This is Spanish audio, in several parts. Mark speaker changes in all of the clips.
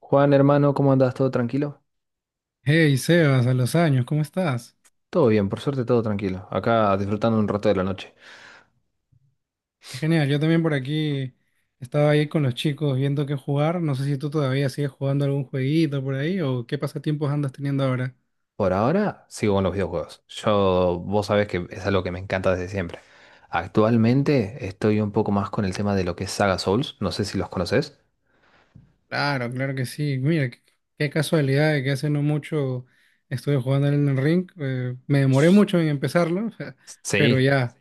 Speaker 1: Juan, hermano, ¿cómo andas? ¿Todo tranquilo?
Speaker 2: Hey Sebas, a los años, ¿cómo estás?
Speaker 1: Todo bien, por suerte todo tranquilo. Acá disfrutando un rato de la noche.
Speaker 2: Genial, yo también por aquí estaba ahí con los chicos viendo qué jugar. No sé si tú todavía sigues jugando algún jueguito por ahí o qué pasatiempos andas teniendo ahora.
Speaker 1: Por ahora sigo con los videojuegos. Yo, vos sabés que es algo que me encanta desde siempre. Actualmente estoy un poco más con el tema de lo que es Saga Souls. No sé si los conoces.
Speaker 2: Claro, claro que sí. Mira, qué casualidad de que hace no mucho estuve jugando en el ring. Me demoré mucho en empezarlo. Pero
Speaker 1: Sí.
Speaker 2: ya.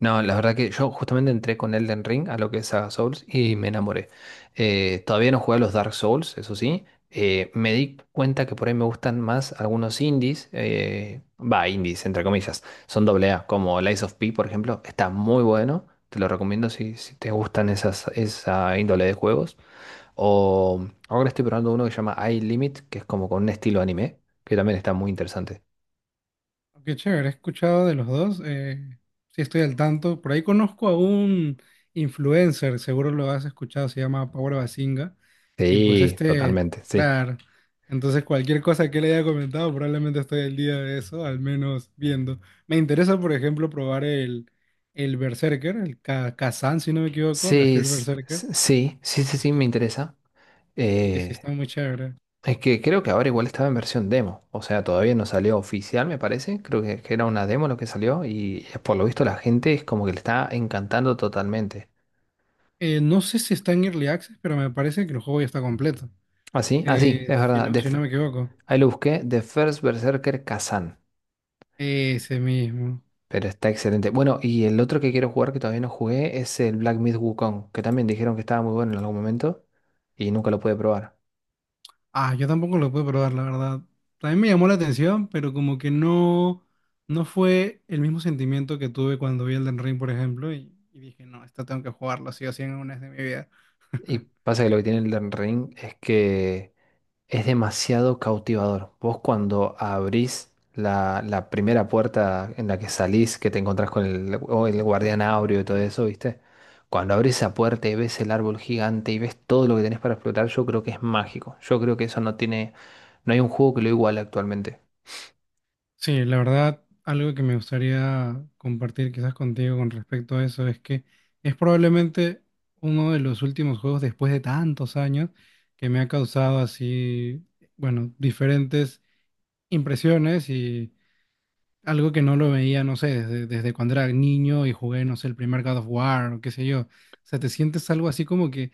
Speaker 1: No, la verdad que yo justamente entré con Elden Ring a lo que es Saga Souls y me enamoré. Todavía no jugué a los Dark Souls, eso sí. Me di cuenta que por ahí me gustan más algunos indies. Va, indies, entre comillas. Son doble A, como Lies of P, por ejemplo. Está muy bueno. Te lo recomiendo si te gustan esa índole de juegos. O ahora estoy probando uno que se llama iLimit, que es como con un estilo anime, que también está muy interesante.
Speaker 2: Qué chévere, he escuchado de los dos. Sí, estoy al tanto. Por ahí conozco a un influencer, seguro lo has escuchado, se llama Power Basinga. Y pues
Speaker 1: Sí, totalmente, sí.
Speaker 2: claro. Entonces, cualquier cosa que le haya comentado, probablemente estoy al día de eso, al menos viendo. Me interesa, por ejemplo, probar el Berserker, el Kazan, si no me equivoco, The
Speaker 1: Sí,
Speaker 2: First
Speaker 1: s-
Speaker 2: Berserker.
Speaker 1: s- sí, sí, sí, sí, me interesa.
Speaker 2: Sí, sí,
Speaker 1: Eh,
Speaker 2: está muy chévere.
Speaker 1: es que creo que ahora igual estaba en versión demo, o sea, todavía no salió oficial, me parece. Creo que era una demo lo que salió y por lo visto la gente es como que le está encantando totalmente.
Speaker 2: No sé si está en Early Access, pero me parece que el juego ya está completo.
Speaker 1: Así, así, es
Speaker 2: Si
Speaker 1: verdad.
Speaker 2: no, si no me equivoco.
Speaker 1: Ahí lo busqué, The First Berserker Kazan,
Speaker 2: Ese mismo.
Speaker 1: pero está excelente. Bueno, y el otro que quiero jugar que todavía no jugué es el Black Myth Wukong, que también dijeron que estaba muy bueno en algún momento y nunca lo pude probar.
Speaker 2: Ah, yo tampoco lo pude probar, la verdad. También me llamó la atención, pero como que no, no fue el mismo sentimiento que tuve cuando vi Elden Ring, por ejemplo, y dije, no, esta tengo que jugarlo, sí o sí, en una vez de mi vida.
Speaker 1: Y pasa que lo que tiene el Elden Ring es que es demasiado cautivador. Vos cuando abrís la primera puerta en la que salís, que te encontrás con el guardián áureo y todo eso, ¿viste? Cuando abrís esa puerta y ves el árbol gigante y ves todo lo que tenés para explotar, yo creo que es mágico. Yo creo que eso no hay un juego que lo iguale actualmente.
Speaker 2: Sí, la verdad, algo que me gustaría compartir quizás contigo con respecto a eso es que es probablemente uno de los últimos juegos después de tantos años que me ha causado así, bueno, diferentes impresiones y algo que no lo veía, no sé, desde cuando era niño y jugué, no sé, el primer God of War o qué sé yo. O sea, te sientes algo así como que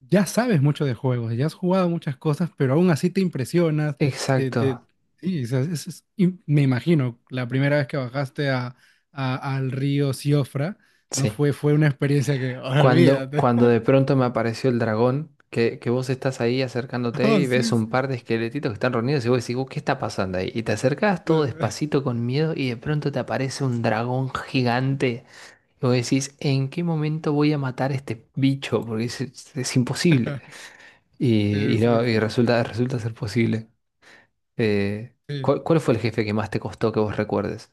Speaker 2: ya sabes mucho de juegos, ya has jugado muchas cosas, pero aún así te impresionas. Te,
Speaker 1: Exacto.
Speaker 2: te, sí, o sea, y me imagino, la primera vez que bajaste al río Siofra, no
Speaker 1: Sí.
Speaker 2: fue, fue una experiencia que, "Oh,
Speaker 1: Cuando,
Speaker 2: olvídate".
Speaker 1: cuando de pronto me apareció el dragón, que vos estás ahí acercándote
Speaker 2: Oh,
Speaker 1: y ves
Speaker 2: sí,
Speaker 1: un
Speaker 2: sí.
Speaker 1: par de esqueletitos que están reunidos y vos decís, "Oh, ¿qué está pasando ahí?". Y te acercás todo despacito con miedo y de pronto te aparece un dragón gigante. Y vos decís, ¿en qué momento voy a matar a este bicho? Porque es imposible.
Speaker 2: Sí,
Speaker 1: Y
Speaker 2: sí,
Speaker 1: no,
Speaker 2: sí.
Speaker 1: y resulta, resulta ser posible. Eh,
Speaker 2: Sí.
Speaker 1: ¿Cuál fue el jefe que más te costó que vos recuerdes?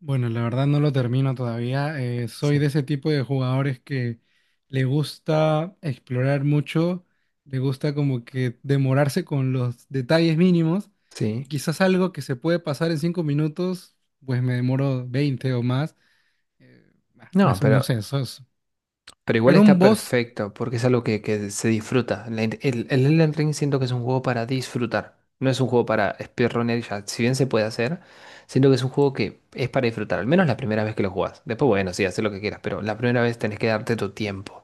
Speaker 2: Bueno, la verdad no lo termino todavía. Soy de
Speaker 1: Sí.
Speaker 2: ese tipo de jugadores que le gusta explorar mucho, le gusta como que demorarse con los detalles mínimos y
Speaker 1: Sí.
Speaker 2: quizás algo que se puede pasar en 5 minutos, pues me demoro 20 o más.
Speaker 1: No,
Speaker 2: No sé,
Speaker 1: pero... Pero igual
Speaker 2: pero un
Speaker 1: está
Speaker 2: boss.
Speaker 1: perfecto, porque es algo que se disfruta. El Elden Ring siento que es un juego para disfrutar. No es un juego para speedrunner, ya, si bien se puede hacer, siento que es un juego que es para disfrutar, al menos la primera vez que lo jugás. Después, bueno, sí, haces lo que quieras, pero la primera vez tenés que darte tu tiempo.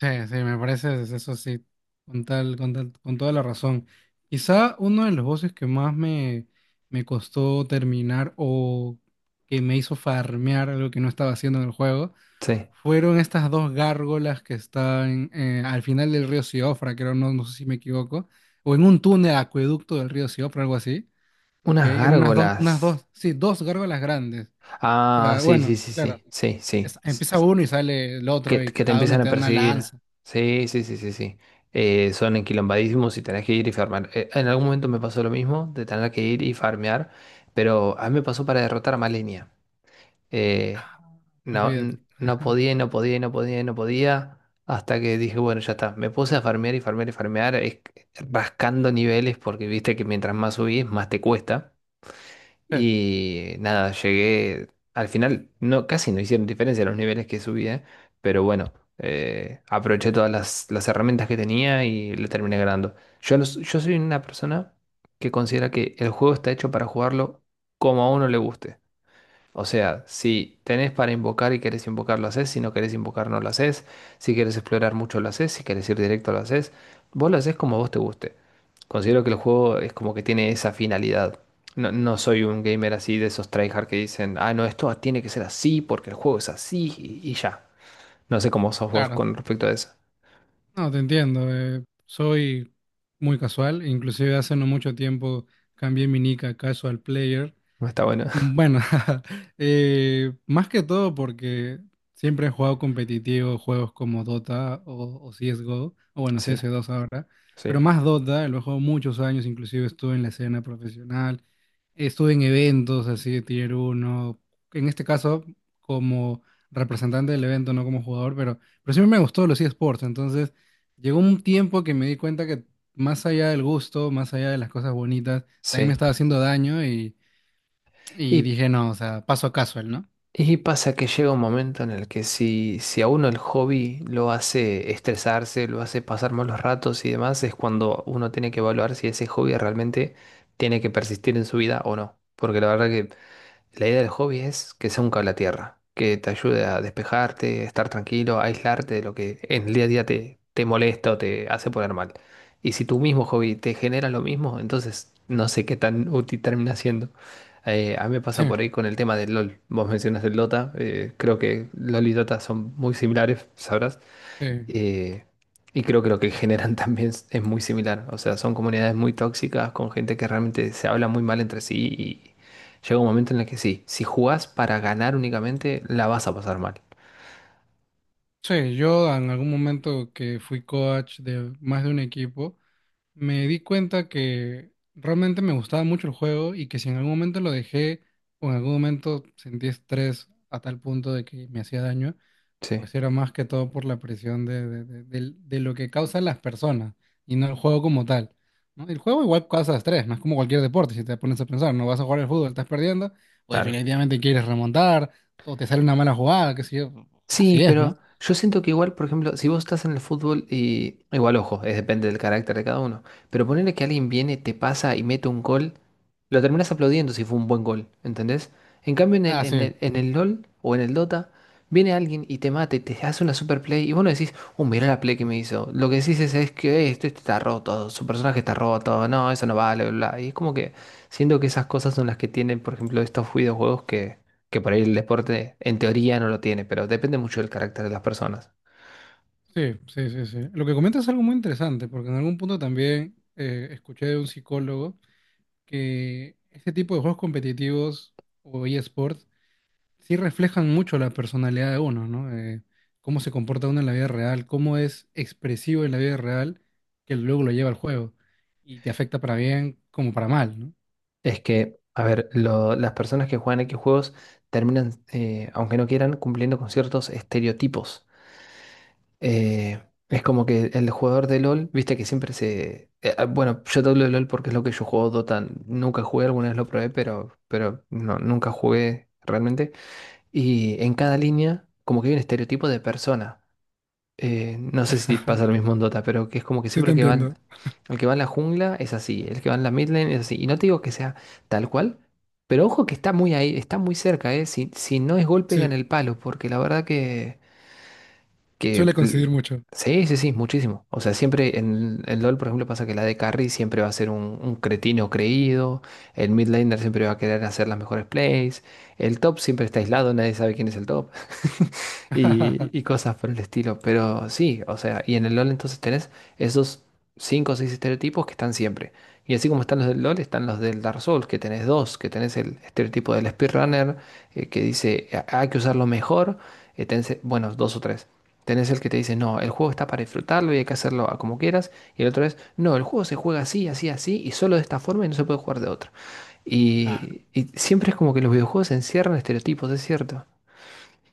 Speaker 2: Sí, sí, me parece eso sí, con toda la razón. Quizá uno de los voces que más me costó terminar o que me hizo farmear algo que no estaba haciendo en el juego
Speaker 1: Sí.
Speaker 2: fueron estas dos gárgolas que están al final del río Siofra, creo, no, no sé si me equivoco, o en un túnel acueducto del río Siofra, algo así. ¿Ok?
Speaker 1: Unas
Speaker 2: Eran unas
Speaker 1: gárgolas.
Speaker 2: dos, sí, dos gárgolas grandes. O
Speaker 1: Ah,
Speaker 2: sea,
Speaker 1: sí,
Speaker 2: bueno,
Speaker 1: sí, sí,
Speaker 2: claro,
Speaker 1: sí, sí, sí.
Speaker 2: empieza uno y sale el otro y
Speaker 1: Que te
Speaker 2: cada uno
Speaker 1: empiezan a
Speaker 2: te da una
Speaker 1: perseguir.
Speaker 2: lanza,
Speaker 1: Sí, sí, sí, sí, sí. Son enquilombadísimos y tenés que ir y farmear. En algún momento me pasó lo mismo, de tener que ir y farmear, pero a mí me pasó para derrotar a Malenia. Eh, no,
Speaker 2: olvídate.
Speaker 1: no podía, y no podía, y no podía, y no podía, hasta que dije, bueno, ya está. Me puse a farmear y farmear y farmear, rascando niveles, porque viste que mientras más subís, más te cuesta. Y nada, llegué. Al final, no, casi no hicieron diferencia los niveles que subía, pero bueno, aproveché todas las herramientas que tenía y le terminé ganando. Yo soy una persona que considera que el juego está hecho para jugarlo como a uno le guste. O sea, si tenés para invocar y querés invocar, lo haces. Si no querés invocar, no lo haces. Si querés explorar mucho, lo haces. Si querés ir directo, lo haces. Vos lo haces como a vos te guste. Considero que el juego es como que tiene esa finalidad. No soy un gamer así de esos tryhard que dicen, ah, no, esto tiene que ser así porque el juego es así y ya. No sé cómo sos vos
Speaker 2: Claro,
Speaker 1: con respecto a eso.
Speaker 2: no, te entiendo. Soy muy casual, inclusive hace no mucho tiempo cambié mi nick a casual player.
Speaker 1: No está bueno.
Speaker 2: Bueno. Más que todo porque siempre he jugado competitivo, juegos como Dota o CSGO, o bueno,
Speaker 1: Sí,
Speaker 2: CS2 ahora, pero
Speaker 1: sí,
Speaker 2: más Dota, lo he jugado muchos años, inclusive estuve en la escena profesional, estuve en eventos así de Tier uno, en este caso como representante del evento, no como jugador, pero siempre me gustó los eSports, entonces llegó un tiempo que me di cuenta que más allá del gusto, más allá de las cosas bonitas, también me
Speaker 1: sí.
Speaker 2: estaba haciendo daño y
Speaker 1: Y
Speaker 2: dije, no, o sea, paso a casual, ¿no?
Speaker 1: Y pasa que llega un momento en el que si a uno el hobby lo hace estresarse, lo hace pasar malos ratos y demás, es cuando uno tiene que evaluar si ese hobby realmente tiene que persistir en su vida o no. Porque la verdad que la idea del hobby es que sea un cable a tierra, que te ayude a despejarte, estar tranquilo, a aislarte de lo que en el día a día te molesta o te hace poner mal. Y si tu mismo hobby te genera lo mismo, entonces no sé qué tan útil termina siendo. A mí me
Speaker 2: Sí,
Speaker 1: pasa por ahí con el tema del LOL. Vos mencionas el Dota, creo que LOL y Dota son muy similares, sabrás.
Speaker 2: sí.
Speaker 1: Eh, y creo que lo que generan también es muy similar. O sea, son comunidades muy tóxicas con gente que realmente se habla muy mal entre sí y llega un momento en el que sí, si jugás para ganar únicamente, la vas a pasar mal.
Speaker 2: Sí, yo en algún momento que fui coach de más de un equipo, me di cuenta que realmente me gustaba mucho el juego y que si en algún momento lo dejé o en algún momento sentí estrés a tal punto de que me hacía daño,
Speaker 1: Sí,
Speaker 2: pues era más que todo por la presión de lo que causan las personas y no el juego como tal, ¿no? El juego igual causa estrés, no es como cualquier deporte, si te pones a pensar, no vas a jugar al fútbol, estás perdiendo, pues
Speaker 1: claro.
Speaker 2: definitivamente quieres remontar, o te sale una mala jugada, qué sé yo,
Speaker 1: Sí,
Speaker 2: así es, ¿no?
Speaker 1: pero yo siento que igual, por ejemplo, si vos estás en el fútbol y igual, ojo, es depende del carácter de cada uno, pero ponerle que alguien viene, te pasa y mete un gol, lo terminás aplaudiendo si fue un buen gol, ¿entendés? En cambio, en el,
Speaker 2: Ah,
Speaker 1: en
Speaker 2: sí,
Speaker 1: el, en el LOL o en el Dota, viene alguien y te mate, te hace una super play y vos no decís, oh, mirá la play que me hizo. Lo que decís es que este está roto, su personaje está roto, no, eso no vale, bla, bla. Y es como que siento que esas cosas son las que tienen, por ejemplo, estos videojuegos que por ahí el deporte en teoría no lo tiene, pero depende mucho del carácter de las personas.
Speaker 2: sí, sí, sí, sí. Lo que comentas es algo muy interesante, porque en algún punto también escuché de un psicólogo que este tipo de juegos competitivos o eSports sí reflejan mucho la personalidad de uno, ¿no? Cómo se comporta uno en la vida real, cómo es expresivo en la vida real, que luego lo lleva al juego. Y te afecta para bien como para mal, ¿no?
Speaker 1: Es que, a ver, las personas que juegan X juegos terminan, aunque no quieran, cumpliendo con ciertos estereotipos. Eh, es como que el jugador de LOL, viste que siempre bueno, yo te hablo de LOL porque es lo que yo juego Dota. Nunca jugué, alguna vez lo probé, pero no, nunca jugué realmente. Y en cada línea, como que hay un estereotipo de persona. No sé si pasa lo mismo en Dota, pero que es como que
Speaker 2: Sí, te
Speaker 1: siempre
Speaker 2: entiendo.
Speaker 1: el que va en la jungla es así, el que va en la mid lane es así. Y no te digo que sea tal cual, pero ojo que está muy ahí, está muy cerca, ¿eh? Si, si no es golpe, en
Speaker 2: Sí,
Speaker 1: el palo, porque la verdad que que
Speaker 2: suele
Speaker 1: l-
Speaker 2: coincidir mucho.
Speaker 1: sí, sí, sí, muchísimo. O sea, siempre en el LoL, por ejemplo, pasa que la de carry siempre va a ser un cretino creído. El mid laner siempre va a querer hacer las mejores plays. El top siempre está aislado, nadie sabe quién es el top. Y, y cosas por el estilo. Pero sí, o sea, y en el LoL entonces tenés esos cinco o seis estereotipos que están siempre. Y así como están los del LoL, están los del Dark Souls, que tenés dos, que tenés el estereotipo del speedrunner, que dice "Ah, hay que usarlo mejor, bueno, dos o tres. Tenés el que te dice, no, el juego está para disfrutarlo y hay que hacerlo a como quieras. Y el otro es, no, el juego se juega así, así, así, y solo de esta forma y no se puede jugar de otra.
Speaker 2: Claro.
Speaker 1: Y siempre es como que los videojuegos encierran estereotipos, es cierto.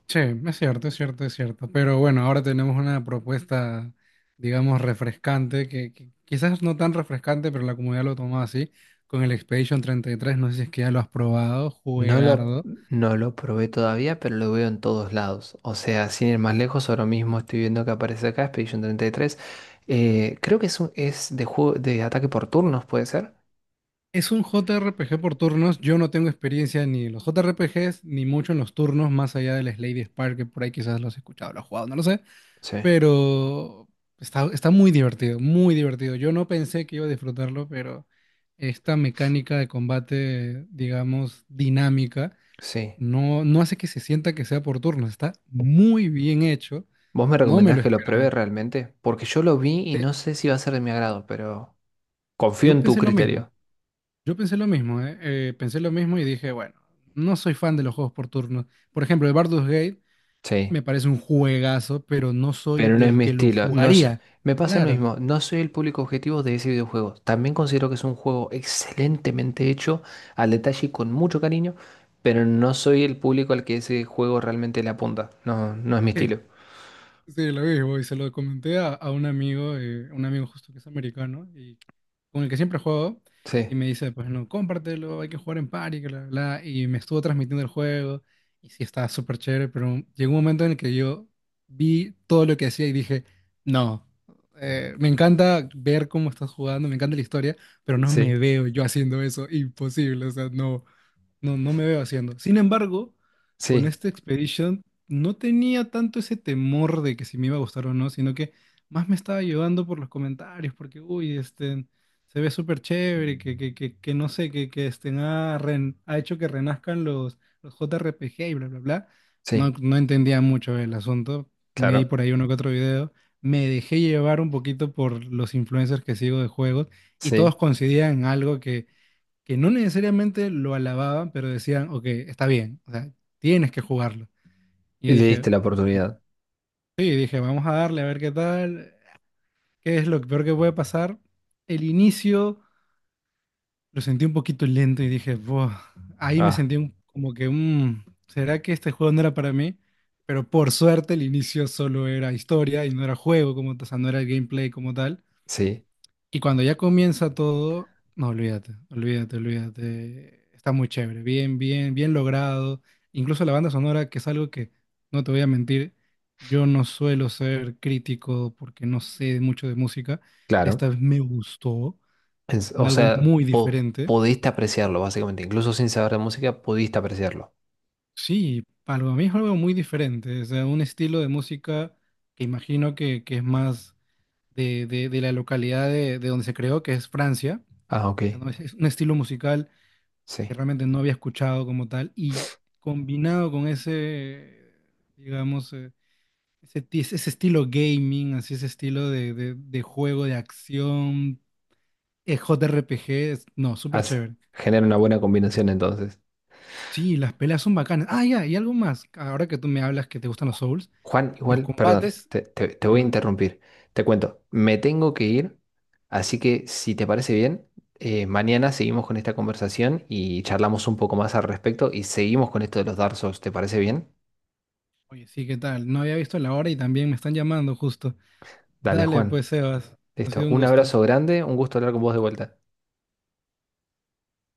Speaker 2: Che, es cierto, es cierto, es cierto. Pero bueno, ahora tenemos una propuesta, digamos, refrescante, que quizás no tan refrescante, pero la comunidad lo tomó así, con el Expedition 33. No sé si es que ya lo has probado,
Speaker 1: No lo,
Speaker 2: juegardo.
Speaker 1: no lo probé todavía, pero lo veo en todos lados. O sea, sin ir más lejos, ahora mismo estoy viendo que aparece acá Expedition 33. Creo que es de juego de ataque por turnos, ¿puede ser?
Speaker 2: Es un JRPG por turnos. Yo no tengo experiencia ni en los JRPGs, ni mucho en los turnos, más allá del Slade Spire, que por ahí quizás los he escuchado, los he jugado, no lo sé.
Speaker 1: Sí,
Speaker 2: Pero está muy divertido, muy divertido. Yo no pensé que iba a disfrutarlo, pero esta mecánica de combate, digamos, dinámica,
Speaker 1: sí.
Speaker 2: no, no hace que se sienta que sea por turnos. Está muy bien hecho.
Speaker 1: ¿Vos me
Speaker 2: No me
Speaker 1: recomendás
Speaker 2: lo
Speaker 1: que lo pruebe
Speaker 2: esperaba.
Speaker 1: realmente? Porque yo lo vi y no sé si va a ser de mi agrado, pero... Confío
Speaker 2: Yo
Speaker 1: en tu
Speaker 2: pensé lo mismo.
Speaker 1: criterio,
Speaker 2: Yo pensé lo mismo, ¿eh? Pensé lo mismo y dije, bueno, no soy fan de los juegos por turnos. Por ejemplo, el Baldur's Gate
Speaker 1: sí,
Speaker 2: me parece un juegazo, pero no soy
Speaker 1: pero no es
Speaker 2: del
Speaker 1: mi
Speaker 2: que lo
Speaker 1: estilo. No, s-
Speaker 2: jugaría.
Speaker 1: Me pasa lo
Speaker 2: Claro.
Speaker 1: mismo, no soy el público objetivo de ese videojuego. También considero que es un juego excelentemente hecho, al detalle y con mucho cariño, pero no soy el público al que ese juego realmente le apunta. No, no es mi
Speaker 2: Sí.
Speaker 1: estilo.
Speaker 2: Sí, lo mismo, y se lo comenté a un amigo justo que es americano, y con el que siempre juego, y
Speaker 1: Sí,
Speaker 2: me dice, pues no, cómpratelo, hay que jugar en party, que bla, bla, bla, y me estuvo transmitiendo el juego, y sí, estaba súper chévere, pero llegó un momento en el que yo vi todo lo que hacía y dije, no, me encanta ver cómo estás jugando, me encanta la historia, pero no
Speaker 1: sí,
Speaker 2: me veo yo haciendo eso, imposible, o sea, no. No, no me veo haciendo. Sin embargo, con
Speaker 1: sí,
Speaker 2: este Expedition no tenía tanto ese temor de que si me iba a gustar o no, sino que más me estaba llevando por los comentarios, porque, uy, este, se ve súper chévere, que no sé, que este, ha hecho que renazcan los JRPG y bla, bla, bla. No,
Speaker 1: sí,
Speaker 2: no entendía mucho el asunto. Me di
Speaker 1: claro,
Speaker 2: por ahí uno que otro video. Me dejé llevar un poquito por los influencers que sigo de juegos y
Speaker 1: sí.
Speaker 2: todos coincidían en algo que no necesariamente lo alababan, pero decían, ok, está bien, o sea, tienes que jugarlo. Y
Speaker 1: Y
Speaker 2: yo
Speaker 1: le
Speaker 2: dije,
Speaker 1: diste la oportunidad.
Speaker 2: sí, dije, vamos a darle a ver qué tal, qué es lo peor que puede pasar. El inicio lo sentí un poquito lento y dije, "Buah". Ahí me
Speaker 1: Ah,
Speaker 2: sentí como que, "Mm, ¿será que este juego no era para mí?" Pero por suerte el inicio solo era historia y no era juego, como, o sea, no era el gameplay como tal.
Speaker 1: sí,
Speaker 2: Y cuando ya comienza todo, no, olvídate, olvídate, olvídate. Está muy chévere, bien, bien, bien logrado. Incluso la banda sonora, que es algo que, no te voy a mentir, yo no suelo ser crítico porque no sé mucho de música.
Speaker 1: claro.
Speaker 2: Esta vez me gustó,
Speaker 1: O
Speaker 2: algo
Speaker 1: sea,
Speaker 2: muy diferente.
Speaker 1: podiste apreciarlo, básicamente. Incluso sin saber de música, pudiste apreciarlo.
Speaker 2: Sí, para mí es algo muy diferente, o sea, un estilo de música que imagino que es más de la localidad de donde se creó, que es Francia.
Speaker 1: Ah, ok,
Speaker 2: ¿No? Es un estilo musical que
Speaker 1: sí.
Speaker 2: realmente no había escuchado como tal, y combinado con ese, digamos, ese estilo gaming, así ese estilo de juego de acción, JRPG, no, súper
Speaker 1: Hace-
Speaker 2: chévere.
Speaker 1: Genera una buena combinación entonces.
Speaker 2: Sí, las peleas son bacanas. Ah, ya, y algo más, ahora que tú me hablas que te gustan los Souls,
Speaker 1: Juan,
Speaker 2: los
Speaker 1: igual, perdón,
Speaker 2: combates,
Speaker 1: te voy a
Speaker 2: ya,
Speaker 1: interrumpir. Te cuento, me tengo que ir, así que si te parece bien, mañana seguimos con esta conversación y charlamos un poco más al respecto y seguimos con esto de los Dark Souls. ¿Te parece bien?
Speaker 2: oye, sí, ¿qué tal? No había visto la hora y también me están llamando justo.
Speaker 1: Dale,
Speaker 2: Dale,
Speaker 1: Juan.
Speaker 2: pues, Sebas, ha
Speaker 1: Listo.
Speaker 2: sido un
Speaker 1: Un
Speaker 2: gusto.
Speaker 1: abrazo grande, un gusto hablar con vos de vuelta.